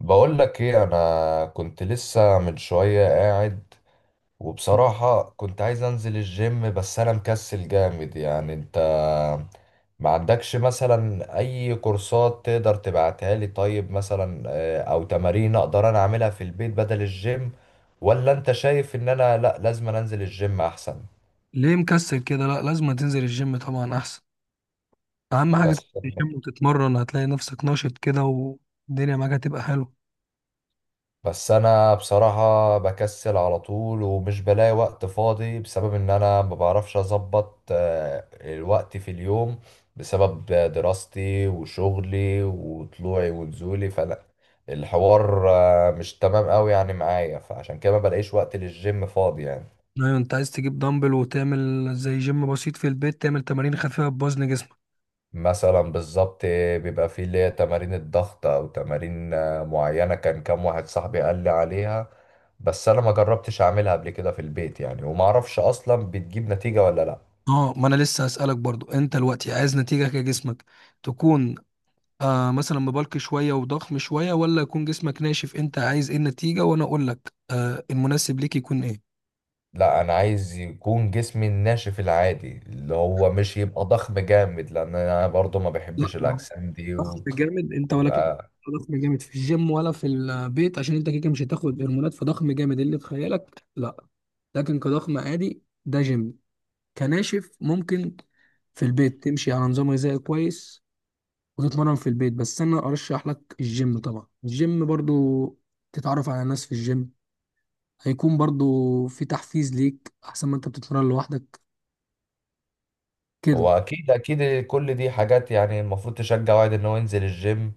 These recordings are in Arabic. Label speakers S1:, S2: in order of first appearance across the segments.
S1: بقول لك ايه، انا كنت لسه من شوية قاعد. وبصراحة كنت عايز انزل الجيم، بس انا مكسل جامد. يعني انت ما عندكش مثلا اي كورسات تقدر تبعتها لي؟ طيب مثلا او تمارين اقدر انا اعملها في البيت بدل الجيم؟ ولا انت شايف ان انا لا لازم انزل الجيم احسن؟
S2: ليه مكسل كده؟ لا، لازم تنزل الجيم طبعا احسن. اهم حاجه
S1: بس
S2: تنزل الجيم وتتمرن، هتلاقي نفسك ناشط كده والدنيا معاك هتبقى حلوه.
S1: بس انا بصراحة بكسل على طول ومش بلاقي وقت فاضي، بسبب ان انا ما بعرفش اظبط الوقت في اليوم، بسبب دراستي وشغلي وطلوعي ونزولي. فانا الحوار مش تمام قوي يعني معايا، فعشان كده ما بلاقيش وقت للجيم فاضي يعني.
S2: ايوه، انت عايز تجيب دمبل وتعمل زي جيم بسيط في البيت، تعمل تمارين خفيفه بوزن جسمك.
S1: مثلا بالظبط بيبقى فيه اللي هي تمارين الضغط او تمارين معينة، كان كام واحد صاحبي قال لي عليها، بس انا ما جربتش اعملها قبل كده في البيت يعني، وما اعرفش اصلا بتجيب نتيجة ولا لا.
S2: اه، ما انا لسه هسألك برضو، انت دلوقتي عايز نتيجه كجسمك تكون مثلا مبالك شويه وضخم شويه، ولا يكون جسمك ناشف؟ انت عايز ايه النتيجه وانا اقول لك المناسب ليك يكون ايه.
S1: لا انا عايز يكون جسمي الناشف العادي، اللي هو مش يبقى ضخم جامد، لان انا برضو ما
S2: لا،
S1: بحبش الاجسام دي.
S2: ضغط جامد انت ولا كيك؟
S1: ويبقى
S2: ضخم جامد في الجيم ولا في البيت؟ عشان انت كيكه، مش هتاخد هرمونات، فضخم جامد اللي في خيالك لا. لكن كضخم عادي ده جيم. كناشف ممكن في البيت تمشي على نظام غذائي كويس وتتمرن في البيت، بس انا ارشح لك الجيم طبعا. الجيم برضو تتعرف على ناس في الجيم، هيكون برضو في تحفيز ليك احسن ما انت بتتمرن لوحدك كده.
S1: هو اكيد اكيد كل دي حاجات يعني المفروض تشجع واحد ان هو ينزل الجيم.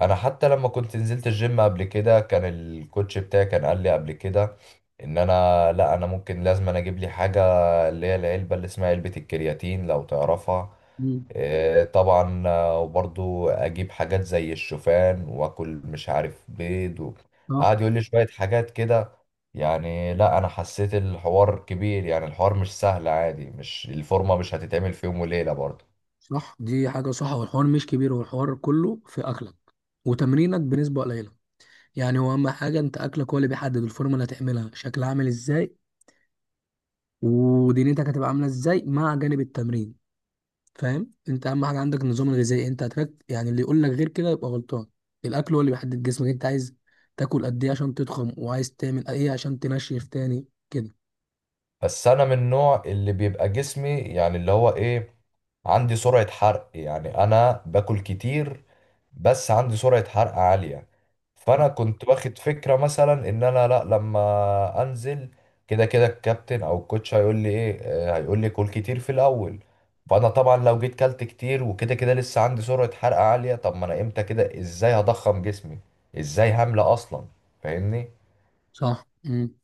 S1: انا حتى لما كنت نزلت الجيم قبل كده، كان الكوتش بتاعي كان قال لي قبل كده ان انا لا انا ممكن لازم انا اجيب لي حاجه، اللي هي العلبه اللي اسمها علبه الكرياتين لو تعرفها.
S2: مم.
S1: طبعا، وبرضو اجيب حاجات زي الشوفان واكل مش عارف بيض و...
S2: صح.
S1: قعد يقول لي شوية حاجات كده. يعني لا انا حسيت الحوار كبير، يعني الحوار مش سهل عادي، مش الفورمة مش هتتعمل في يوم وليلة برضو.
S2: صح، دي حاجة صح، والحوار مش كبير، والحوار كله في اكلك وتمرينك بنسبة قليلة. يعني هو اهم حاجه انت اكلك، هو اللي بيحدد الفورمه اللي هتعملها شكلها عامل ازاي ودنيتك هتبقى عامله ازاي، مع جانب التمرين. فاهم؟ انت اهم حاجه عندك النظام الغذائي، انت هترك يعني، اللي يقول لك غير كده يبقى غلطان. الاكل هو اللي بيحدد جسمك، انت عايز تاكل قد ايه عشان تضخم، وعايز تعمل ايه عشان تنشف تاني كده.
S1: بس انا من النوع اللي بيبقى جسمي يعني اللي هو ايه، عندي سرعة حرق، يعني انا باكل كتير بس عندي سرعة حرق عالية. فأنا كنت واخد فكرة مثلا إن أنا لأ لما أنزل، كده كده الكابتن أو الكوتش هيقول لي إيه، هيقول لي كل كتير في الأول. فأنا طبعا لو جيت كلت كتير وكده كده لسه عندي سرعة حرق عالية، طب ما أنا إمتى كده إزاي هضخم جسمي؟ إزاي هملى أصلا؟ فاهمني؟
S2: صح.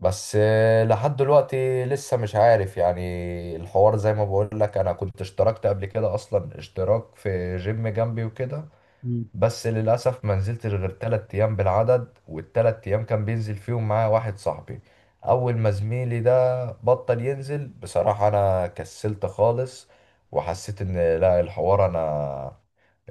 S1: بس لحد دلوقتي لسه مش عارف يعني. الحوار زي ما بقول لك، أنا كنت اشتركت قبل كده أصلا اشتراك في جيم جنبي وكده،
S2: امم
S1: بس للأسف ما نزلت غير 3 أيام بالعدد، وال3 أيام كان بينزل فيهم معايا واحد صاحبي. أول ما زميلي ده بطل ينزل بصراحة أنا كسلت خالص، وحسيت إن لا الحوار أنا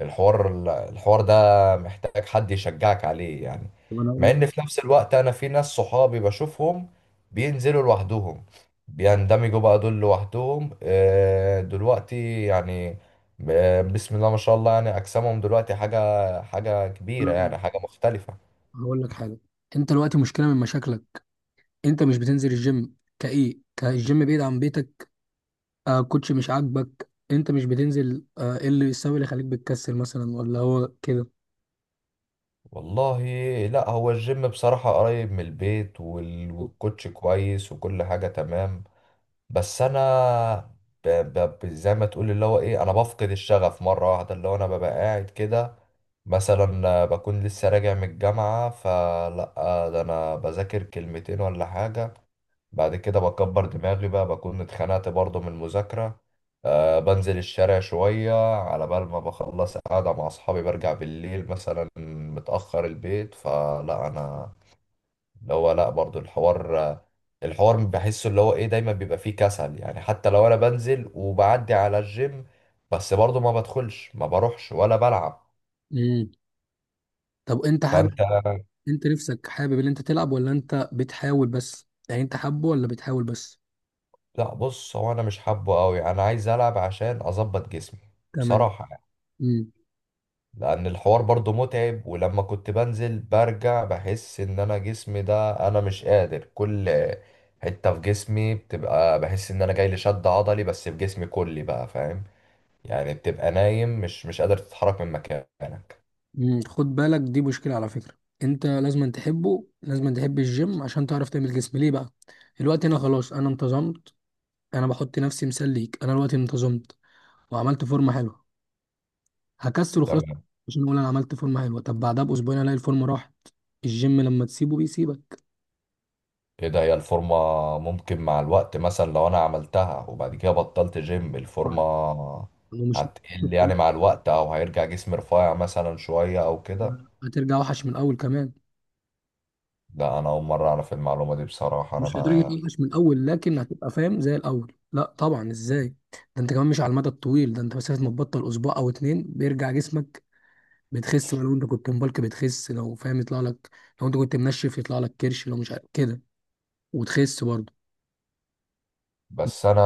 S1: الحوار الحوار ده محتاج حد يشجعك عليه يعني.
S2: طب انا اقول
S1: مع
S2: لك.
S1: ان في نفس الوقت انا في ناس صحابي بشوفهم بينزلوا لوحدهم، بيندمجوا بقى دول لوحدهم دلوقتي يعني. بسم الله ما شاء الله، يعني اجسامهم دلوقتي حاجة حاجة كبيرة
S2: أنا
S1: يعني، حاجة مختلفة.
S2: هقول لك حاجه، انت دلوقتي مشكله من مشاكلك، انت مش بتنزل الجيم كايه كالجيم بعيد عن بيتك؟ كوتش مش عاجبك انت مش بتنزل؟ ايه اللي السبب اللي خليك بتكسل مثلا، ولا هو كده؟
S1: والله لا، هو الجيم بصراحة قريب من البيت والكوتش كويس وكل حاجة تمام. بس انا زي ما تقول اللي هو ايه، انا بفقد الشغف مره واحده. اللي هو انا ببقى قاعد كده مثلا، بكون لسه راجع من الجامعه، فلا ده انا بذاكر كلمتين ولا حاجه. بعد كده بكبر دماغي بقى، بكون اتخنقت برضه من المذاكره، أه بنزل الشارع شوية على بال ما بخلص قاعدة مع أصحابي، برجع بالليل مثلا متأخر البيت. فلا أنا اللي هو لا برضو الحوار بحسه اللي هو ايه دايما بيبقى فيه كسل. يعني حتى لو انا بنزل وبعدي على الجيم، بس برضو ما بدخلش ما بروحش ولا بلعب.
S2: امم طب انت حابب،
S1: فانت
S2: انت نفسك حابب ان انت تلعب، ولا انت بتحاول بس؟ يعني انت حابه ولا بتحاول بس؟
S1: لا، بص هو انا مش حابه قوي، انا عايز العب عشان اظبط جسمي
S2: تمام.
S1: بصراحة يعني.
S2: امم
S1: لان الحوار برضو متعب، ولما كنت بنزل برجع بحس ان انا جسمي ده انا مش قادر. كل حتة في جسمي بتبقى، بحس ان انا جاي لي شد عضلي، بس في جسمي كلي بقى فاهم يعني. بتبقى نايم مش قادر تتحرك من مكانك.
S2: خد بالك، دي مشكلة على فكرة. انت لازم تحبه، لازم تحب الجيم عشان تعرف تعمل جسم ليه بقى. الوقت هنا خلاص انا انتظمت. انا بحط نفسي مثال ليك، انا الوقت انتظمت وعملت فورمة حلوة. هكسل وخلاص
S1: تمام.
S2: عشان اقول انا عملت فورمه حلوه؟ طب بعدها باسبوعين الاقي الفورمه راحت. الجيم لما تسيبه بيسيبك.
S1: ايه ده، هي الفورمة ممكن مع الوقت مثلا لو انا عملتها وبعد كده بطلت جيم، الفورمة
S2: طبعاً. ومش
S1: هتقل يعني مع الوقت، او هيرجع جسمي رفيع مثلا شوية او كده؟
S2: هترجع وحش من الاول كمان.
S1: ده انا اول مرة اعرف المعلومة دي بصراحة.
S2: مش لدرجه وحش من الاول، لكن هتبقى فاهم زي الاول لا طبعا، ازاي؟ ده انت كمان مش على المدى الطويل، ده انت مسافه ما تبطل اسبوع او اتنين بيرجع جسمك. بتخس بقى، لو انت كنت مبالك بتخس، لو فاهم يطلع لك، لو انت كنت منشف يطلع لك كرش، لو مش كده، وتخس برضه.
S1: انا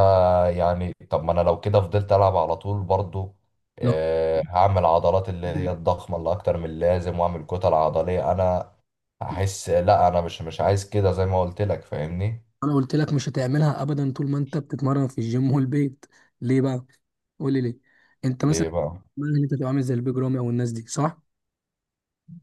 S1: يعني طب ما انا لو كده فضلت العب على طول برضو،
S2: لو
S1: هعمل عضلات اللي هي الضخمة اللي اكتر من اللازم، واعمل كتل عضلية، انا احس لا انا مش عايز كده زي ما قلت لك فاهمني؟
S2: انا قلت لك، مش هتعملها ابدا طول ما انت بتتمرن في الجيم والبيت. ليه بقى؟ قول لي ليه. انت مثلا،
S1: ليه بقى؟
S2: ما انت تبقى عامل زي البيج رامي او الناس دي، صح؟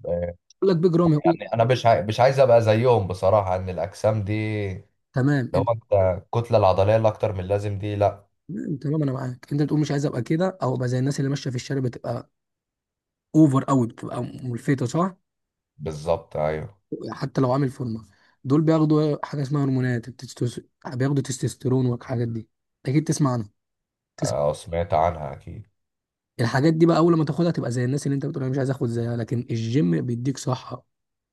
S1: آه،
S2: يقول لك بيج رامي، يقول لك
S1: يعني انا مش عايز ابقى زيهم بصراحه، ان الاجسام دي
S2: تمام
S1: لو
S2: انت.
S1: انت الكتله العضليه اللي اكتر من اللازم دي لا.
S2: تمام تمام، انا معاك، انت بتقول مش عايز ابقى كده او ابقى زي الناس اللي ماشيه في الشارع، بتبقى اوفر قوي، بتبقى ملفته، صح؟
S1: بالظبط ايوه.
S2: حتى لو عامل فورمه، دول بياخدوا حاجه اسمها هرمونات بياخدوا تستوستيرون والحاجات دي، اكيد تسمع عنها.
S1: سمعت عنها اكيد.
S2: الحاجات دي بقى اول ما تاخدها تبقى زي الناس اللي انت بتقول انا مش عايز اخد زيها. لكن الجيم بيديك صحة،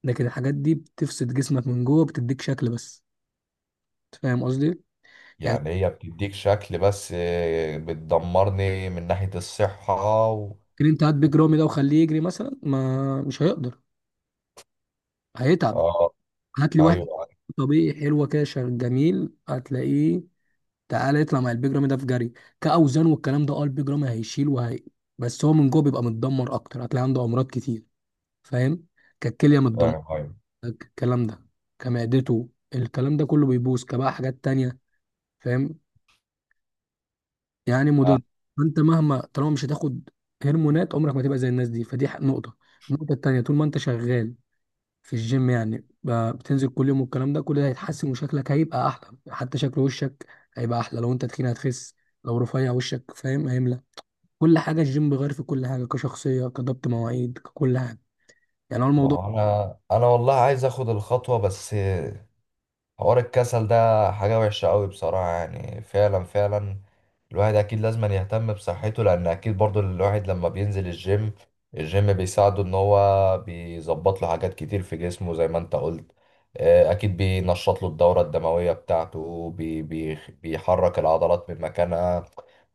S2: لكن الحاجات دي بتفسد جسمك من جوه، بتديك شكل بس. أنت فاهم قصدي؟ يعني
S1: يعني هي بتديك شكل بس، بتدمرني من ناحيه الصحه و...
S2: ممكن انت هات بيج رامي ده وخليه يجري مثلا، ما مش هيقدر، هيتعب.
S1: اه
S2: هات لي
S1: ايوه
S2: واحد
S1: أيوة.
S2: طبيعي حلوة كده جميل، هتلاقيه. تعالى يطلع مع البيج رامي ده في جري كأوزان والكلام ده، اه البيج رامي هيشيل، وهي بس هو من جوه بيبقى متدمر اكتر، هتلاقي عنده امراض كتير. فاهم؟ كالكلية متدمرة،
S1: فاهم ايوه.
S2: الكلام ده، كمعدته، الكلام ده كله بيبوظ، كبقى حاجات تانية. فاهم؟ يعني مضر.
S1: آه،
S2: فانت مهما، طالما مش هتاخد هرمونات عمرك ما تبقى زي الناس دي، فدي نقطة. النقطة التانية، طول ما انت شغال في الجيم يعني، بتنزل كل يوم والكلام ده، كل ده هيتحسن وشكلك هيبقى احلى، حتى شكل وشك هيبقى احلى، لو انت تخين هتخس، لو رفيع وشك فاهم هيملى. كل حاجة الجيم بيغير في كل حاجة، كشخصية، كضبط مواعيد، ككل حاجة، يعني هو
S1: ما
S2: الموضوع.
S1: هو انا والله عايز اخد الخطوه، بس حوار الكسل ده حاجة وحشة قوي بصراحة يعني، فعلا فعلا الواحد أكيد لازم أن يهتم بصحته. لأن أكيد برضو الواحد لما بينزل الجيم، الجيم بيساعده إن هو بيظبط له حاجات كتير في جسمه زي ما أنت قلت، أكيد بينشط له الدورة الدموية بتاعته، بي بي بيحرك العضلات من مكانها.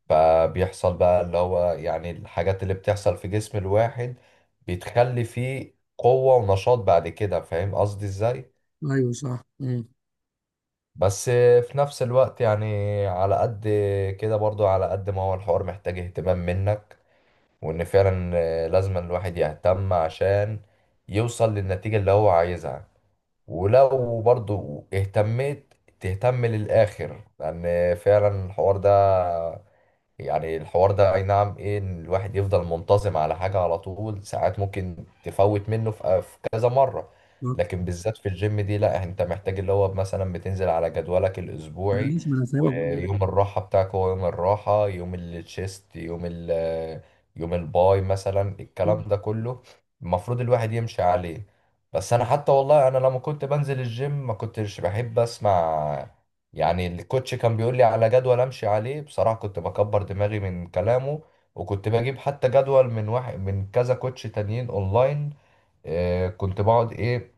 S1: فبيحصل بقى اللي هو يعني الحاجات اللي بتحصل في جسم الواحد بتخلي فيه قوة ونشاط بعد كده، فاهم قصدي إزاي؟
S2: ايوه، صح.
S1: بس في نفس الوقت يعني، على قد كده برضو، على قد ما هو الحوار محتاج اهتمام منك، وان فعلا لازم الواحد يهتم عشان يوصل للنتيجة اللي هو عايزها. ولو برضو اهتميت، تهتم للآخر، لأن فعلا الحوار ده يعني الحوار ده اي نعم ايه، ان الواحد يفضل منتظم على حاجة على طول ساعات، ممكن تفوت منه في كذا مرة، لكن بالذات في الجيم دي لا، انت محتاج اللي هو مثلا بتنزل على جدولك الاسبوعي،
S2: معلش، ما انا سايبك بقى.
S1: ويوم الراحة بتاعك هو يوم الراحة، يوم التشيست، يوم الباي مثلا، الكلام
S2: مم.
S1: ده كله المفروض الواحد يمشي عليه. بس انا حتى والله انا لما كنت بنزل الجيم ما كنتش بحب اسمع يعني. الكوتش كان بيقول لي على جدول امشي عليه، بصراحة كنت بكبر دماغي من كلامه، وكنت بجيب حتى جدول من واحد من كذا كوتش تانيين اونلاين. آه كنت بقعد ايه،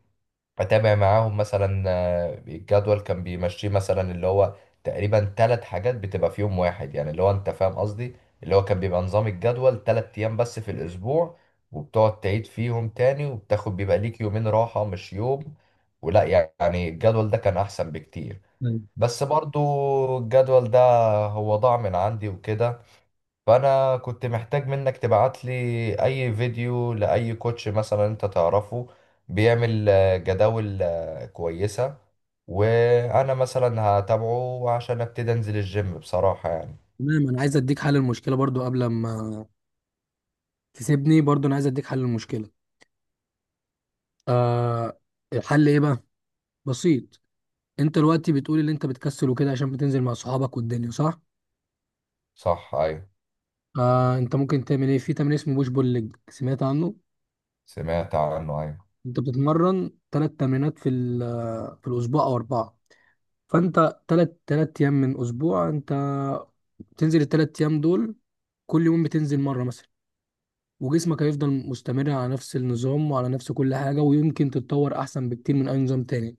S1: اتابع معاهم مثلا، الجدول كان بيمشيه مثلا اللي هو تقريبا 3 حاجات بتبقى في يوم واحد يعني، اللي هو انت فاهم قصدي، اللي هو كان بيبقى نظام الجدول 3 ايام بس في الاسبوع، وبتقعد تعيد فيهم تاني، وبتاخد بيبقى ليك يومين راحة مش يوم ولا. يعني الجدول ده كان احسن بكتير.
S2: أيوة.
S1: بس برضو الجدول ده هو ضاع من عندي وكده. فانا كنت محتاج منك تبعت لي اي فيديو لاي كوتش مثلا انت تعرفه بيعمل جداول كويسة، وانا مثلا هتابعه عشان ابتدي انزل الجيم بصراحة يعني.
S2: تمام، انا عايز اديك حل المشكله برضو قبل ما تسيبني، برضو انا عايز اديك حل المشكله. آه، الحل ايه بقى؟ بسيط. انت دلوقتي بتقول ان انت بتكسل وكده عشان بتنزل مع صحابك والدنيا، صح؟
S1: صح ايوه.
S2: آه، انت ممكن تعمل ايه، في تمرين اسمه بوش بول ليج، سمعت عنه؟
S1: سمعت عنه ايوه.
S2: انت بتتمرن 3 تمرينات في في الاسبوع او اربعه، فانت ثلاث ايام من اسبوع، انت بتنزل ال3 ايام دول، كل يوم بتنزل مره مثلا، وجسمك هيفضل مستمر على نفس النظام وعلى نفس كل حاجة، ويمكن تتطور أحسن بكتير من أي نظام تاني.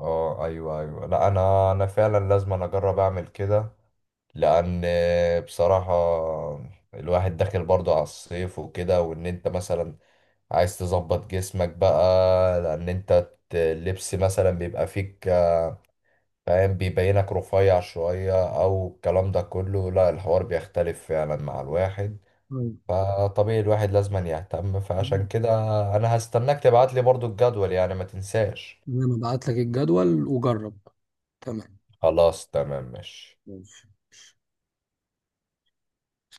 S1: اه ايوه ايوه، لا انا فعلا لازم أنا اجرب اعمل كده. لان بصراحة الواحد داخل برضه على الصيف وكده، وان انت مثلا عايز تظبط جسمك بقى، لان انت اللبس مثلا بيبقى فيك فاهم، بيبينك رفيع شوية، او الكلام ده كله، لا الحوار بيختلف فعلا مع الواحد.
S2: طيب،
S1: فطبيعي الواحد لازم يهتم، فعشان
S2: تمام.
S1: كده انا هستناك تبعت لي برضو الجدول يعني ما تنساش.
S2: أنا هبعت لك الجدول وجرب. تمام
S1: خلاص تمام ماشي.
S2: ماشي.